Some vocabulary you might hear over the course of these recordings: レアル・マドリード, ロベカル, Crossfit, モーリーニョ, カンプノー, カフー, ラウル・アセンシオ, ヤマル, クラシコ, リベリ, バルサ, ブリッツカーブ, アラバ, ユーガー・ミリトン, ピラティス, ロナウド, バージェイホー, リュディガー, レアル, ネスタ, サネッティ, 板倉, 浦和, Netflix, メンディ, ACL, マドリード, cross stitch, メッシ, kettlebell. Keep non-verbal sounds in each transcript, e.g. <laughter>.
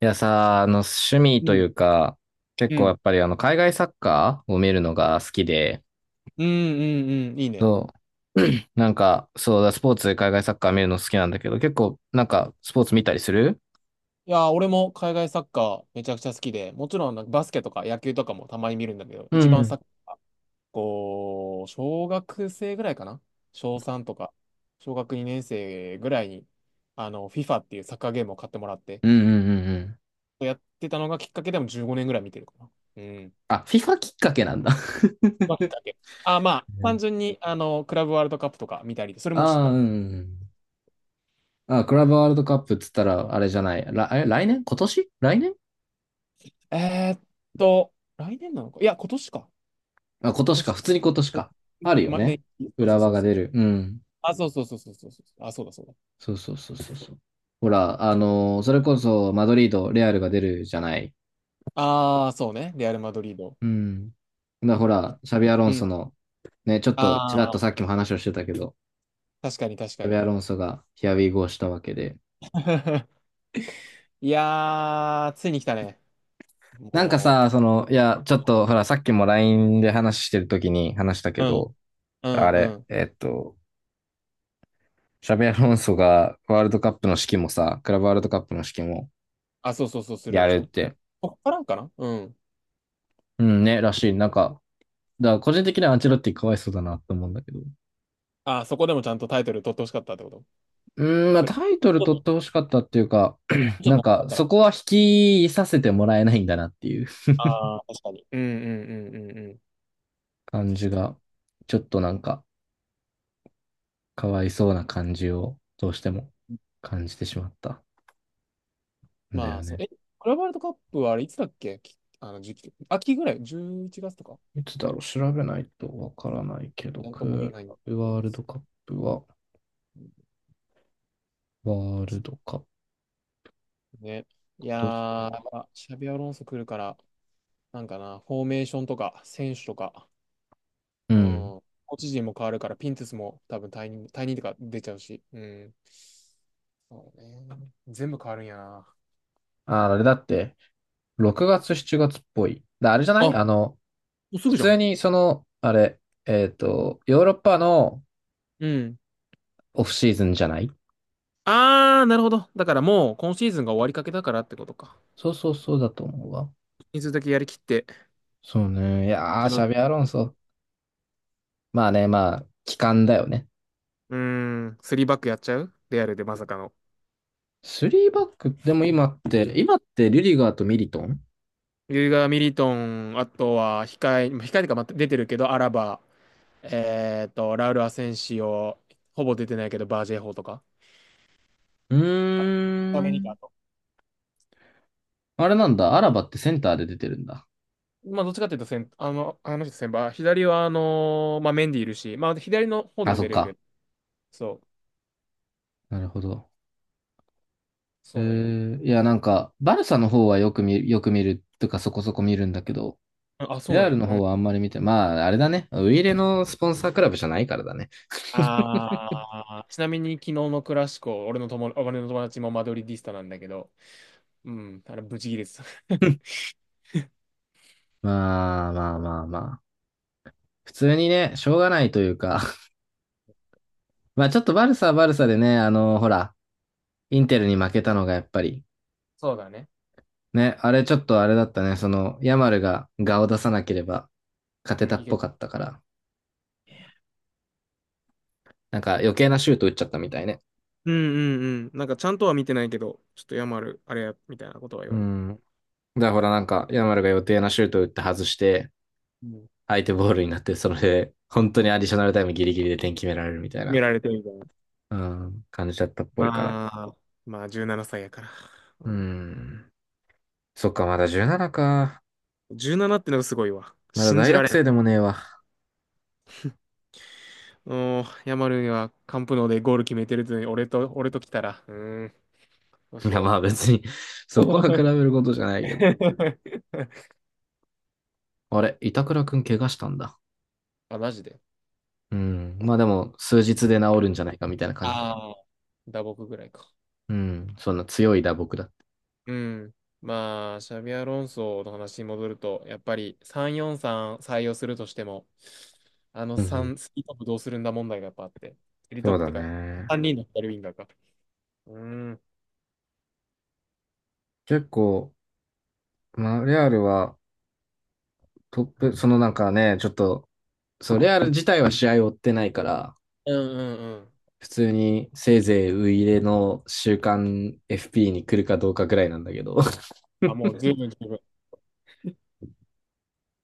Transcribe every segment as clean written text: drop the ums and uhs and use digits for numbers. いやさ、趣味うとん。いうか、結う構やん。っぱり海外サッカーを見るのが好きで、うん。いいね。そう。<clears throat> そうだ、スポーツで海外サッカー見るの好きなんだけど、結構、スポーツ見たりする。いやー、俺も海外サッカーめちゃくちゃ好きで、もちろんなんかバスケとか野球とかもたまに見るんだけど、う一番んサッカー、こう、小学生ぐらいかな、小3とか、小学2年生ぐらいに、FIFA っていうサッカーゲームを買ってもらって、うんうんうんうん。やってたのがきっかけでも15年ぐらい見てるかな。うん。あ、FIFA きっかけなんだ。まあ、きっかけ。あ、まあ、単純に、クラブワールドカップとか見たり、そ <laughs> れもあしてあ、うた。ん。あ、クラブワールドカップっつったら、あれじゃない。ら、え、来年今年来年。えーっ来年なのか、いや、今年か。あ、今今年か。年、普通に今年か。あるよま、ね。ね、そうそ浦う和そうがそう。出る。うん。あ、そうそうそうそうそうそう。あ、そうだそうだ。そうそうそうそうそう。ほら、それこそマドリード、レアルが出るじゃない。ああ、そうね。レアル・マドリード。うん。だほい、ら、シャビアロンうソん。の、ね、ちょっとあちらっとさあ、っきも話をしてたけど、確かに確シかャビに。アロンソがヒアウィーゴーしたわけで。<laughs> いやー、ついに来たね。なんかも、さ、その、いや、ちょっとほら、さっきも LINE で話してる時に話したけう、うん、ど、うあん、うれ、ん。シャビアロンソがワールドカップの指揮もさ、クラブワールドカップの指揮もあ、そうそうそう、するんやでしるっょ。て、こっからかな、うん。うんね、らしい。だから個人的にはアンチェロッティかわいそうだなって思うんだけど。あ、そこでもちゃんとタイトル取ってほしかったってこと？うーん、まあ、それ、ちタイトルょっと取っちてほしかったっていうか、ょ <clears throat> っと長かったら。そこは引きさせてもらえないんだなっていうああ、確かに。うん。感確じかが、ちょっとなんか、かわいそうな感じを、どうしてもに。感じてしまったんだまよあ、そう、ね。え、クラブワールドカップはあれいつだっけ、き、あの時期。秋ぐらい？ 11 月とか、いつだろう、調べないとわからないけど、なんとクも言えーラないんでブすよワールドカップは、ワールドカップ、ね。い今や年ー、やっは。ぱ、シャビアロンソ来るから、なんかな、フォーメーションとか、選手とか、ううん、ん。コーチ陣も変わるから、ピンテスも多分退任、退任とか出ちゃうし、うん。そうね。全部変わるんやな。あ、あれだって、6月、7月っぽい。だあれじゃなあ、いもあの、うす普ぐじゃ通ん。にその、あれ、ヨーロッパの、うん。オフシーズンじゃない。あー、なるほど。だからもう、今シーズンが終わりかけだからってことか。そうそうそうだと思うわ。人数だけやりきって、そうね。いアンやチー、ェロシッャテビアロンィ、ソ。まあね、まあ、期間だよね。うーん、スリーバックやっちゃうレアルでまさかの。スリーバック、でも今って、リュディガーとミリトン。ユーガー・ミリトン、あとは控え、控えとかまた出てるけど、アラバ、えっと、ラウル・アセンシオ、ほぼ出てないけど、バージェイホーとか。うーアメリカん。と。あれなんだ、アラバってセンターで出てるんだ。まあ、どっちかっていうと先、あの人先輩、左は、まあ、メンディいるし、まあ、左の方であ、もそっ出れるか。けど、そう、なるほど。えそうなんよ。ー、いや、なんか、バルサの方はよく見、よく見るとかそこそこ見るんだけど、あ、あそうレなんアや。ルのう方ん。はあんまり見て、まあ、あれだね。ウイイレのスポンサークラブじゃないからだね。ああ、ちなみに、昨日のクラシコ、俺の友達もマドリディスタなんだけど、うん、あれ、ブチギレてた。<laughs> まあまあまあまあ。普通にね、しょうがないというか、まあちょっとバルサはバルサでね、あの、ほら、インテルに負けたのがやっぱり、そうだね。ね、あれちょっとあれだったね、その、ヤマルが顔を出さなければ勝てうたん、いっぽけ、かったから、なんか余計なシュート打っちゃったみたいね。うんううん。なんかちゃんとは見てないけど、ちょっとヤマル、あれや、みたいなことは言うわれる。ん。だからほらなんか、ヤマルが予定なシュート打って外して、うん、相手ボールになって、それで、本当にアディショナルタイムギリギリで点決められるみたい決めな、られてるみたいな。うん、感じだったっぽいから。まあ、まあ、17歳やから。ううん、ん。そっか、まだ17か。17ってのがすごいわ。まだ信大じら学れん。生でもねえわ。う、ヤマルにはカンプノーでゴール決めてるってのに、俺と来たら、うーん、どういしや、まよあ別にそこう。は比べることじゃないけど。<laughs> あれ、板倉くん怪我したんだ。あ、マジで。うん。まあでも、数日で治るんじゃないかみたいな感じだけど。ああ、打撲ぐらいか。うん。そんな強い打撲だって。うん。まあ、シャビアロンソの話に戻ると、やっぱり343採用するとしても、あのうんうん。3、スリートップどうするんだ問題がやっぱあって、スリートそッうプだというか、ね。3人の左ウィンガーか。うん。うん結構、まあ、レアルはトップ、そのなんかね、ちょっと、そう、レアル自体は試合を追ってないから、うんうん。普通にせいぜいウイイレの週刊 FP に来るかどうかぐらいなんだけど。<laughs> あ、もう十分。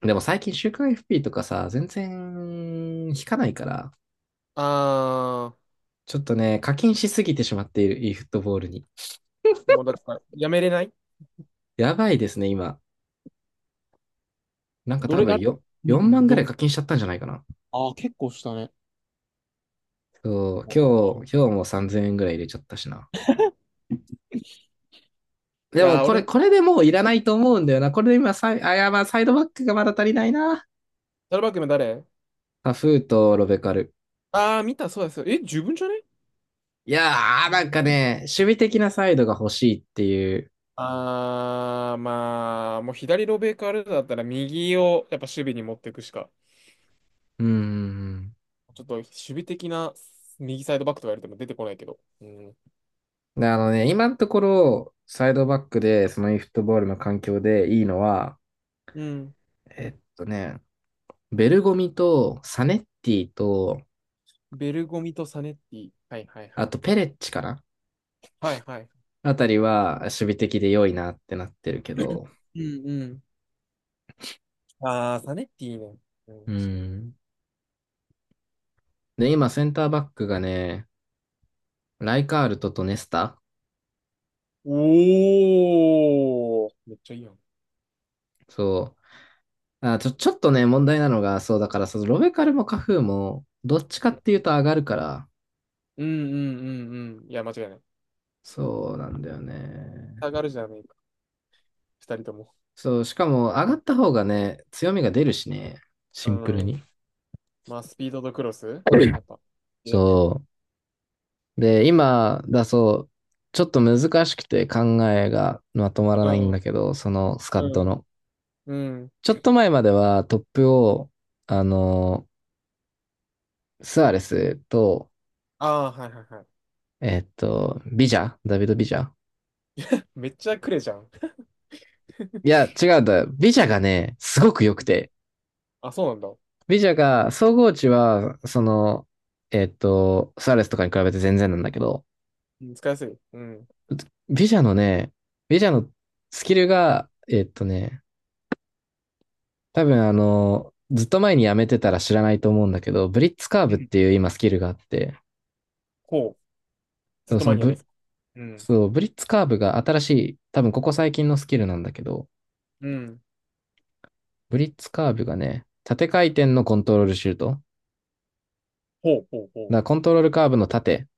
でも最近週刊 FP とかさ、全然引かないから、あちょっとね、課金しすぎてしまっている e フットボールに。ー、もうだから、やめれない。やばいですね、今。なんかど多れ、あ分れ、よ、う4万ん、ぐらいど、課金しちゃったんじゃないかな。あー、結構したね。そう、今日も3000円ぐらい入れちゃったしな。いでもやー、俺、これでもういらないと思うんだよな。これで今サイ、あ、いや、まあサイドバックがまだ足りないな。サルバックの誰、タフーとロベカル。あー、見た、そうです。え、十分じゃね？いやー、なんかね、守備的なサイドが欲しいっていう。あー、まあ、もう左ロベーカールーだったら右をやっぱ守備に持っていくしか、うーん。ちょっと守備的な右サイドバックとか言われても出てこないけど。うん。で、あのね、今のところ、サイドバックで、その e フットボールの環境でいいのは、うん。えっとね、ベルゴミとサネッティと、ベルゴミとサネッティ。はいはいはあい。とペレッチかな、はいはい。あたりは守備的で良いなってなってるけど。うんうん。あー、サネッティね。うん、う確かん。で、今、センターバックがね、ライカールトとネスタ、に。おー、めっちゃいいやん。そう。あ、ちょっとね、問題なのが、そう、だから、そのロベカルもカフーも、どっちかっていうと上がるから、うん。いや、間違いない。そうなんだよね。下がるじゃねえか。二人とも。そう、しかも上がった方がね、強みが出るしね、シうンプルん。に。まあ、スピードとクロスやっぱ。<laughs> で、そう。で、今だそう、ちょっと難しくて考えがまとまらうないんん、だけど、そのスカうッドん、の。うん。ちょっと前まではトップを、あの、スアレスと、ああー、はいはいはい。ビジャ、ダビド・ビジャ。めっちゃくれじゃん。いや、違うんだ。ビジャがね、すごく良くて。あ、そうなんだ。ビジャが、総合値は、その、スアレスとかに比べて全然なんだけど、うん、使いやすい。うん。ビジャのね、ビジャのスキルが、多分あの、ずっと前にやめてたら知らないと思うんだけど、ブリッツカーうブっん。ていう今スキルがあって、ほう。ずっとそ前のにやブめてリた。うん。そう、ブリッツカーブが新しい、多分ここ最近のスキルなんだけど、うん。ブリッツカーブがね、縦回転のコントロールシュート。だかほうほうほう。らコントロールカーブの縦、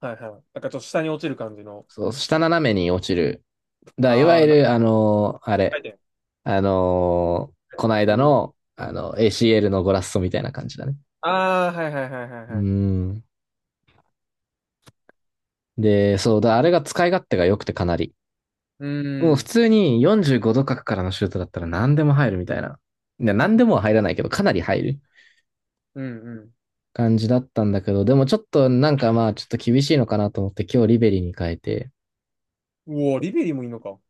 はいはい。なんかちょっと下に落ちる感じの。そう、下斜めに落ちる。だからいわあゆあ、な、る、あのーあれ、回転。あのーこのう間ん。の、あの、ACL のゴラッソみたいな感じだね。ああ、はいはいはいはいうーはい。ん。で、そうだ、あれが使い勝手が良くてかなり。うもう普ん。通に45度角からのシュートだったら何でも入るみたいな。いや、何でもは入らないけど、かなり入るうん感じだったんだけど、でもちょっとなんかまあちょっと厳しいのかなと思って今日リベリに変えて、うん。うお、リベリもいいのか。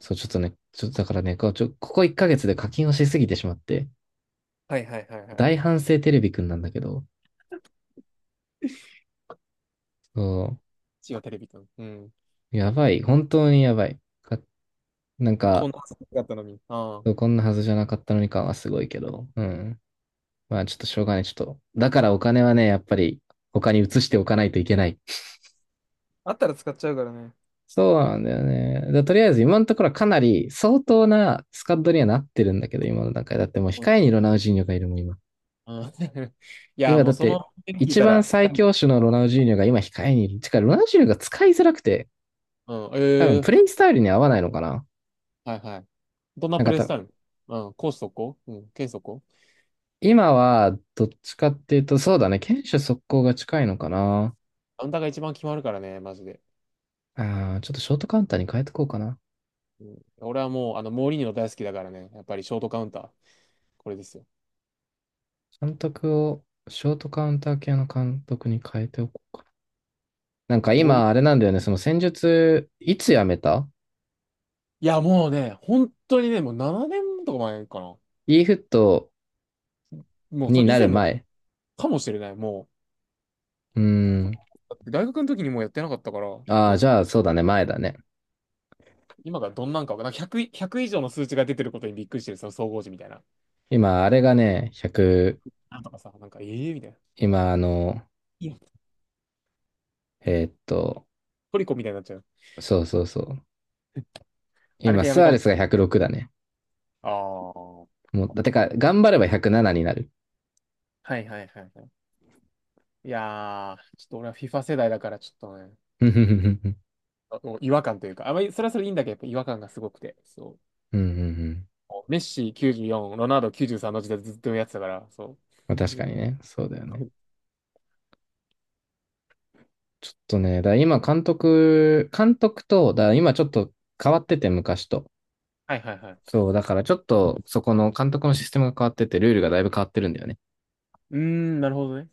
そうちょっとね、ちょっとだからね、こうちょここ1ヶ月で課金をしすぎてしまって、はいはいはいは大反省テレビくんなんだけど、そい。違う、テレビと。うん。う、やばい、本当にやばい。かなんこんか、なだったのに。あこんなはずじゃなかったのに感はすごいけど、うん。まあちょっとしょうがない、ちょっと。だからお金はね、やっぱり他に移しておかないといけない。あ。あったら使っちゃうからね。そうなんだよね。でとりあえず今のところはかなり相当なスカッドにはなってるんだけど、今の段階。だってもううん控えにロナうんウジーニョがいるもん、今。うん。 <laughs> いや、今もだうっそて、の、聞い一た番ら、最強種のロナウジーニョが今控えにいる。てか、ロナウジーニョが使いづらくて、う多ん、分えプレえ。イスタイルに合わないのかな。はいはい。どんななんプかレイスた、タイル？うん、攻守速攻、うん、剣速攻、今はどっちかっていうと、そうだね、堅守速攻が近いのかな。カウンターが一番決まるからね、マジで。ああ、ちょっとショートカウンターに変えてこうかな。うん、俺はもう、あの、モーリーニョ大好きだからね、やっぱりショートカウンター、これですよ。監督を、ショートカウンター系の監督に変えておこう。なんまかあ、モーリ、今、あれなんだよね、その戦術、いつやめた いや、もうね、本当にね、もう7年とか前かな。e フットもう、そに以なる前の前。かもしれない、もうーん。う。だって大学の時にもうやってなかったから、ああ、そじう、ゃあそうだね、前だね。今がどんなんかわかんない、100以上の数値が出てることにびっくりしてる、その総合時みたいな。今、あれがね、100、なんとかさ、なんか、ええみたいな。今、あの、いや、えーっと、トリコみたいになっちゃう。そうそうそう。<laughs> あれ今、でやスめアたレもスが106だね。ん。もあう、あ。てか、頑張れば107になる。はいはいはいはい。いやー、ちょっと俺は FIFA 世代だからちょっとね、うんうんうんあもう違和感というか、あまりそれはそれでいいんだけど、やっぱ違和感がすごくて、そうんうん。う。メッシ94、ロナウド93の時代ずっとやってたから、そまあ確かう。に <laughs> ね、そうだよね。ちょっとね、だから今、監督と、だから今ちょっと変わってて、昔と。はいはいはい。そう、だからちょっと、そこの監督のシステムが変わってて、ルールがだいぶ変わってるんだよね。うーん、なるほどね。